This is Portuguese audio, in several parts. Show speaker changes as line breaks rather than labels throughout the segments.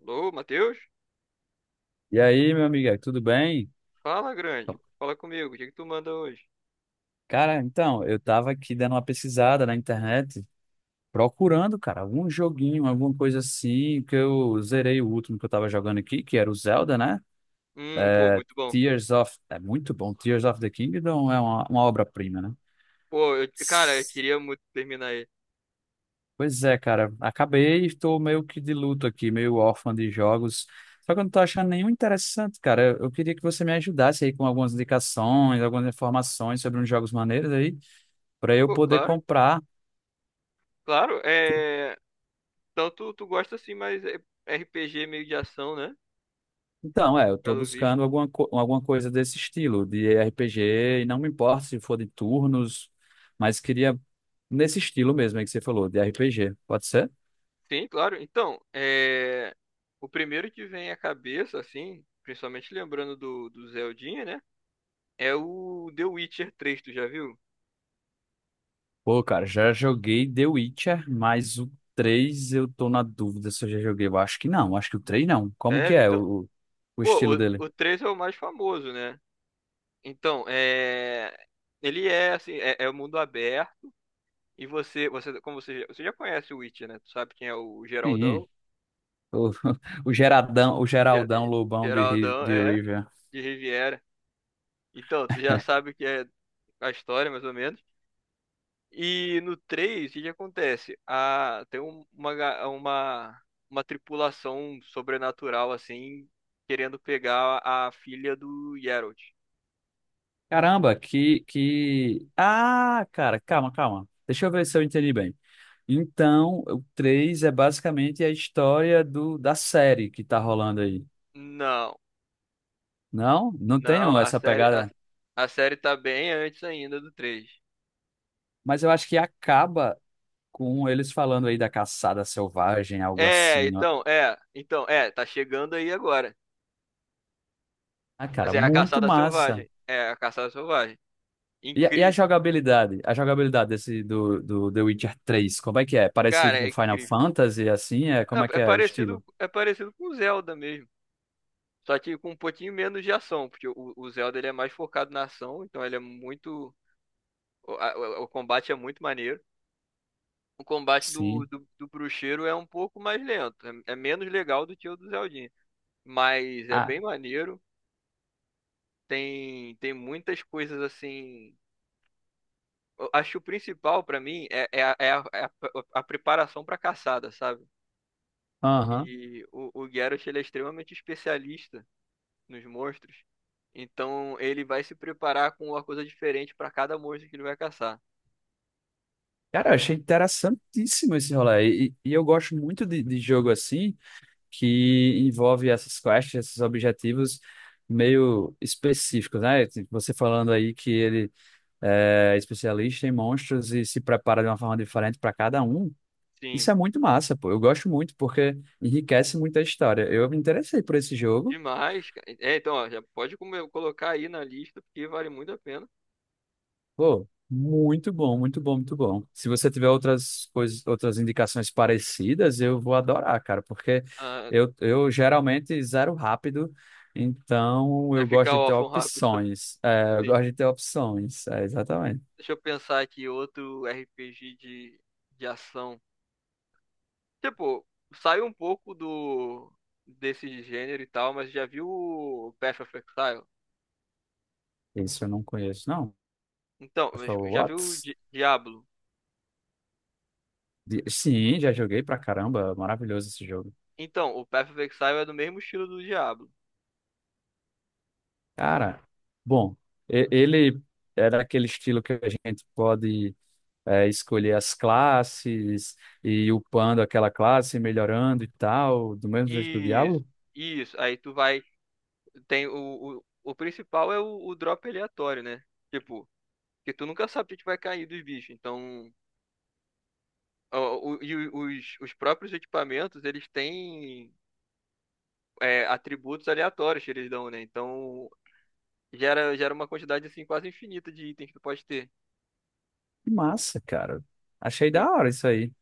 Alô, Matheus?
E aí, meu amigo, tudo bem?
Fala, grande. Fala comigo. O que que tu manda hoje?
Cara, então, eu tava aqui dando uma pesquisada na internet, procurando, cara, algum joguinho, alguma coisa assim, que eu zerei o último que eu tava jogando aqui, que era o Zelda, né?
Pô, muito bom.
Tears of... É muito bom, Tears of the Kingdom é uma obra-prima, né?
Pô, cara, eu
S-
queria muito terminar aí.
Pois é, cara, acabei, e estou meio que de luto aqui, meio órfão de jogos, só que eu não tô achando nenhum interessante, cara. Eu queria que você me ajudasse aí com algumas indicações, algumas informações sobre uns jogos maneiros aí, para eu
Pô,
poder
claro,
comprar.
claro. Então tu gosta assim, mas é RPG meio de ação, né?
Então, é, eu tô
Pelo visto.
buscando alguma coisa desse estilo, de RPG, e não me importa se for de turnos, mas queria nesse estilo mesmo aí que você falou, de RPG. Pode ser?
Sim, claro. O primeiro que vem à cabeça, assim, principalmente lembrando do Zeldinha, né? É o The Witcher 3, tu já viu?
Pô, cara, já joguei The Witcher, mas o 3 eu tô na dúvida se eu já joguei. Eu acho que não, acho que o 3 não. Como
É,
que é
então,
o
pô,
estilo dele?
o 3 é o mais famoso, né? Então, é... Ele é assim, é o mundo aberto e você já conhece o Witcher, né? Tu sabe quem é o
Sim,
Geraldão?
o, o Geraldão
Ge-
Lobão
Geraldão
de
é
Rivia.
de Riviera. Então, tu já sabe o que é a história, mais ou menos. E no 3, o que que acontece? Tem uma tripulação sobrenatural, assim, querendo pegar a, filha do Geralt.
Caramba, Ah, cara, calma, calma. Deixa eu ver se eu entendi bem. Então, o 3 é basicamente a história do, da série que tá rolando aí.
Não,
Não? Não
não,
tenho
a
essa
série, a,
pegada.
a série tá bem antes ainda do 3.
Mas eu acho que acaba com eles falando aí da caçada selvagem, algo assim. Ó.
Tá chegando aí agora.
Ah, cara,
Assim, é a
muito
caçada
massa.
selvagem. É a caçada selvagem.
E a
Incrível.
jogabilidade? A jogabilidade desse do The Witcher 3, como é que é? Parecido
Cara, é
com Final
incrível.
Fantasy, assim? É, como é que é o estilo?
É parecido com o Zelda mesmo. Só que com um pouquinho menos de ação, porque o Zelda ele é mais focado na ação, então ele é muito. O combate é muito maneiro. O combate do,
Sim.
do, do bruxeiro é um pouco mais lento. É, é menos legal do que o do Zeldinha. Mas é
Ah,
bem maneiro. Tem muitas coisas assim eu acho que o principal pra mim é a preparação pra caçada, sabe?
aham.
E o Geralt, ele é extremamente especialista nos monstros. Então, ele vai se preparar com uma coisa diferente pra cada monstro que ele vai caçar.
Cara, eu achei interessantíssimo esse rolê. E eu gosto muito de jogo assim que envolve essas quests, esses objetivos meio específicos, né? Tipo, você falando aí que ele é especialista em monstros e se prepara de uma forma diferente para cada um.
Sim,
Isso é muito massa, pô. Eu gosto muito porque enriquece muito a história. Eu me interessei por esse jogo.
demais, cara. Ó, já pode colocar aí na lista, porque vale muito a pena.
Pô, muito bom, muito bom, muito bom. Se você tiver outras coisas, outras indicações parecidas, eu vou adorar, cara, porque
Ah,
eu geralmente zero rápido, então
vai
eu
ficar
gosto de ter
órfão rápido.
opções. É, eu
Sim.
gosto de ter opções, é, exatamente.
Deixa eu pensar aqui outro RPG de ação. Tipo, saiu um pouco do desse gênero e tal, mas já viu o Path of Exile?
Isso eu não conheço, não.
Então, mas
Foi o
já viu o
Whats?
Diablo?
Sim, já joguei pra caramba, maravilhoso esse jogo.
Então, o Path of Exile é do mesmo estilo do Diablo.
Cara, bom, ele é daquele estilo que a gente pode, é, escolher as classes e ir upando aquela classe, melhorando e tal, do mesmo jeito que o
Isso,
Diablo.
isso. Aí tu vai. Tem o principal é o drop aleatório, né? Tipo, que tu nunca sabe o que que vai cair dos bichos. Então, os próprios equipamentos, eles têm atributos aleatórios que eles dão, né? Então, gera uma quantidade assim quase infinita de itens que tu pode ter.
Que massa, cara. Achei
Sim.
da hora isso aí.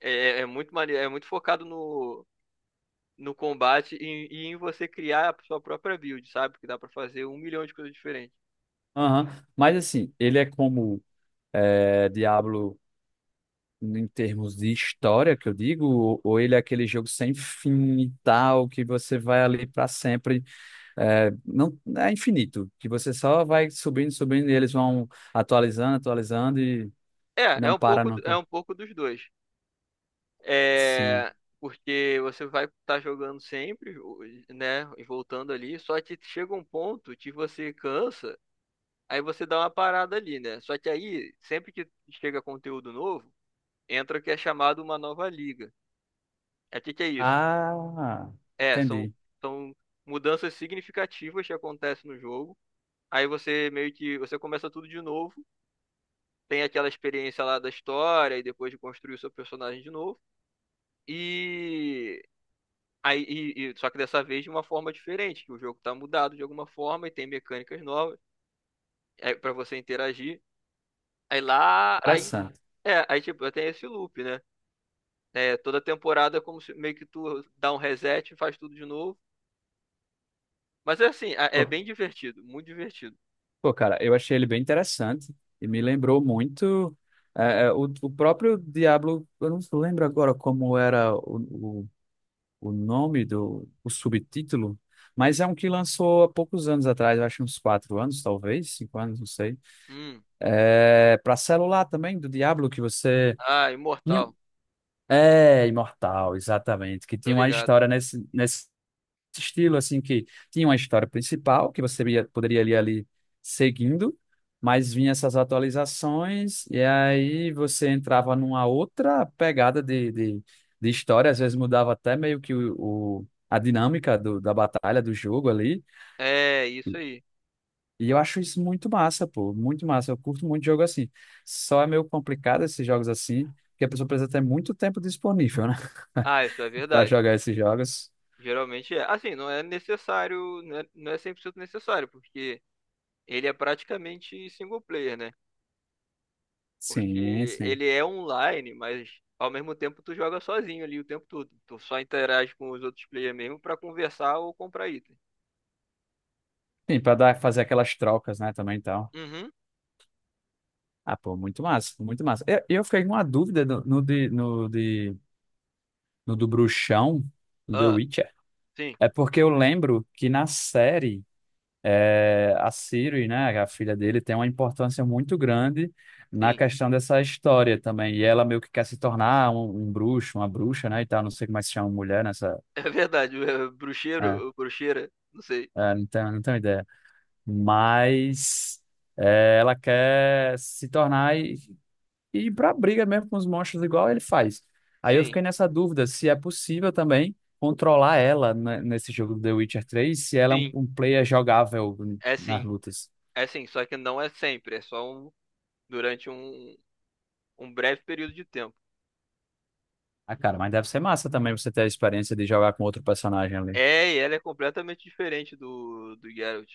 É, é muito maneiro, é muito focado no combate e em você criar a sua própria build, sabe? Porque dá pra fazer um milhão de coisas diferentes.
Aham. Mas assim, ele é como é, Diablo em termos de história, que eu digo, ou ele é aquele jogo sem fim e tal, que você vai ali para sempre, é, não é infinito, que você só vai subindo, subindo, e eles vão atualizando, atualizando e não para
É
nunca.
um pouco dos dois.
Sim.
É, porque você vai estar jogando sempre, né? E voltando ali, só que chega um ponto que você cansa, aí você dá uma parada ali, né? Só que aí, sempre que chega conteúdo novo, entra o que é chamado uma nova liga. É. O que que é isso?
Ah,
É, são,
entendi.
são mudanças significativas que acontecem no jogo. Aí você meio que você começa tudo de novo, tem aquela experiência lá da história e depois de construir o seu personagem de novo. E só que dessa vez de uma forma diferente, que o jogo tá mudado de alguma forma e tem mecânicas novas para você interagir. Aí lá, aí
Interessante.
é, aí tipo, tem esse loop, né? É, toda temporada é como se meio que tu dá um reset e faz tudo de novo. Mas é assim, é
Pô,
é bem divertido, muito divertido.
pô, cara, eu achei ele bem interessante e me lembrou muito o próprio Diablo. Eu não lembro agora como era o nome do o subtítulo, mas é um que lançou há poucos anos atrás, eu acho uns 4 anos, talvez, 5 anos, não sei.
Hum.
É, para celular também, do Diablo, que você
Ah,
tinha-
imortal.
é, Imortal, exatamente, que
Tô
tinha uma
ligado.
história nesse estilo assim que tinha uma história principal que você poderia ir ali seguindo, mas vinha essas atualizações e aí você entrava numa outra pegada de história, às vezes mudava até meio que a dinâmica do, da batalha, do jogo ali,
É, isso aí.
e eu acho isso muito massa, pô, muito massa, eu curto muito jogo assim, só é meio complicado esses jogos assim, porque a pessoa precisa ter muito tempo disponível, né,
Ah, isso é
para
verdade.
jogar esses jogos,
Geralmente é. Assim, não é necessário, não é 100% necessário, porque ele é praticamente single player, né?
sim,
Porque
sim.
ele é online, mas ao mesmo tempo tu joga sozinho ali o tempo todo. Tu só interage com os outros players mesmo pra conversar ou comprar item.
Sim, para dar, fazer aquelas trocas, né, também, então.
Uhum.
Ah, pô, muito massa, muito massa. Eu fiquei com uma dúvida no do bruxão, do The
Ah,
Witcher.
sim,
É porque eu lembro que na série, é, a Ciri, né, a filha dele, tem uma importância muito grande na
sim.
questão dessa história também. E ela meio que quer se tornar um bruxo, uma bruxa, né, e tal. Não sei como é que se chama mulher nessa...
É verdade.
É,
Bruxeiro, o bruxeira, não sei.
não tenho, não tenho ideia. Mas... é, ela quer se tornar e ir pra briga mesmo com os monstros igual ele faz. Aí eu
Sim,
fiquei nessa dúvida se é possível também controlar ela nesse jogo do The Witcher três se ela é
sim.
um player jogável
É
nas
sim.
lutas.
É sim, só que não é sempre, é só durante um, um breve período de tempo.
Ah, cara, mas deve ser massa também você ter a experiência de jogar com outro personagem ali.
É, e ela é completamente diferente do Geralt.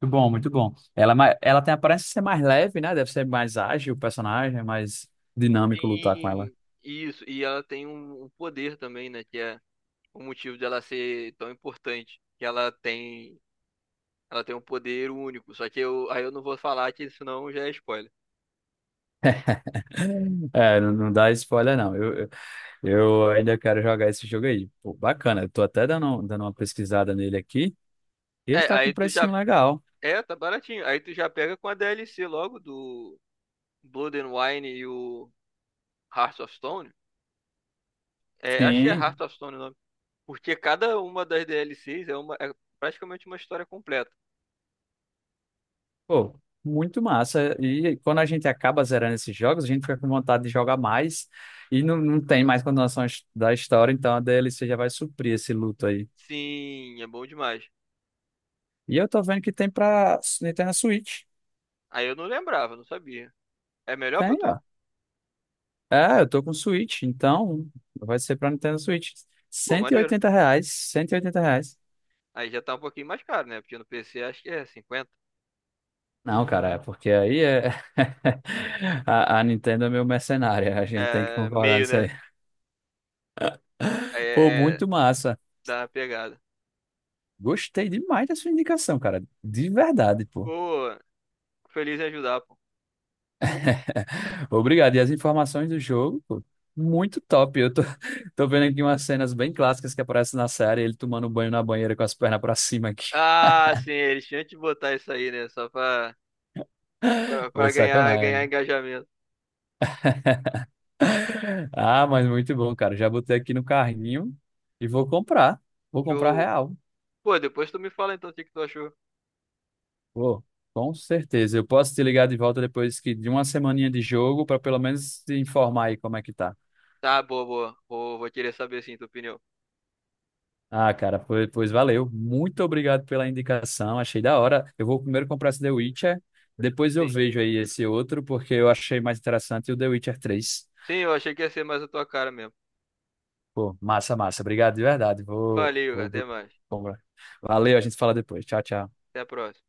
Muito bom, muito bom. Ela, ela tem a aparência de ser mais leve, né? Deve ser mais ágil o personagem, mais dinâmico lutar com ela.
Sim, isso. E ela tem um poder também, né? Que é o motivo dela ser tão importante. Ela tem um poder único. Só que eu, aí eu não vou falar que senão já é spoiler.
É, não, não dá spoiler, não. Eu ainda quero jogar esse jogo aí. Pô, bacana, eu tô até dando, dando uma pesquisada nele aqui. Ele
É,
tá com um
aí tu já.
precinho legal.
É, tá baratinho. Aí tu já pega com a DLC logo do Blood and Wine e o Heart of Stone. É, acho que é Heart
Sim.
of Stone. Porque cada uma das DLCs é praticamente uma história completa.
Pô, muito massa. E quando a gente acaba zerando esses jogos, a gente fica com vontade de jogar mais. E não, não tem mais continuação da história, então a DLC já vai suprir esse luto aí.
Sim, é bom demais.
E eu tô vendo que tem Nintendo Switch.
Aí eu não lembrava, não sabia. É melhor pra
Tem, ó.
tu?
É, eu tô com Switch, então vai ser pra Nintendo Switch.
Pô,
Cento e
maneiro.
oitenta reais, R$ 180.
Aí já tá um pouquinho mais caro, né? Porque no PC acho que é 50.
Não, cara, é porque aí é... a Nintendo é meio mercenária, a gente tem que
É
concordar
meio,
nisso aí.
né?
Pô,
É, é
muito massa.
dá uma pegada.
Gostei demais da sua indicação, cara. De verdade, pô.
Pô, feliz em ajudar, pô.
Obrigado. E as informações do jogo, pô, muito top. Eu tô, tô vendo aqui umas cenas bem clássicas que aparecem na série, ele tomando um banho na banheira com as pernas pra cima aqui.
Ah, sim, eles tinham que botar isso aí, né?
Pô,
Pra ganhar
sacanagem.
engajamento.
Ah, mas muito bom, cara. Já botei aqui no carrinho e vou comprar. Vou comprar
Show.
real.
Pô, depois tu me fala então o que que tu achou.
Pô, com certeza. Eu posso te ligar de volta depois que de uma semaninha de jogo pra pelo menos te informar aí como é que tá.
Tá, boa, boa. Vou querer saber sim, tua opinião.
Ah, cara, pois, pois valeu. Muito obrigado pela indicação. Achei da hora. Eu vou primeiro comprar esse The Witcher, depois eu
Sim.
vejo aí esse outro, porque eu achei mais interessante o The Witcher 3.
Sim, eu achei que ia ser mais a tua cara mesmo.
Pô, massa, massa. Obrigado de verdade.
Valeu, até
Vou
mais.
comprar. Valeu, a gente fala depois. Tchau, tchau.
Até a próxima.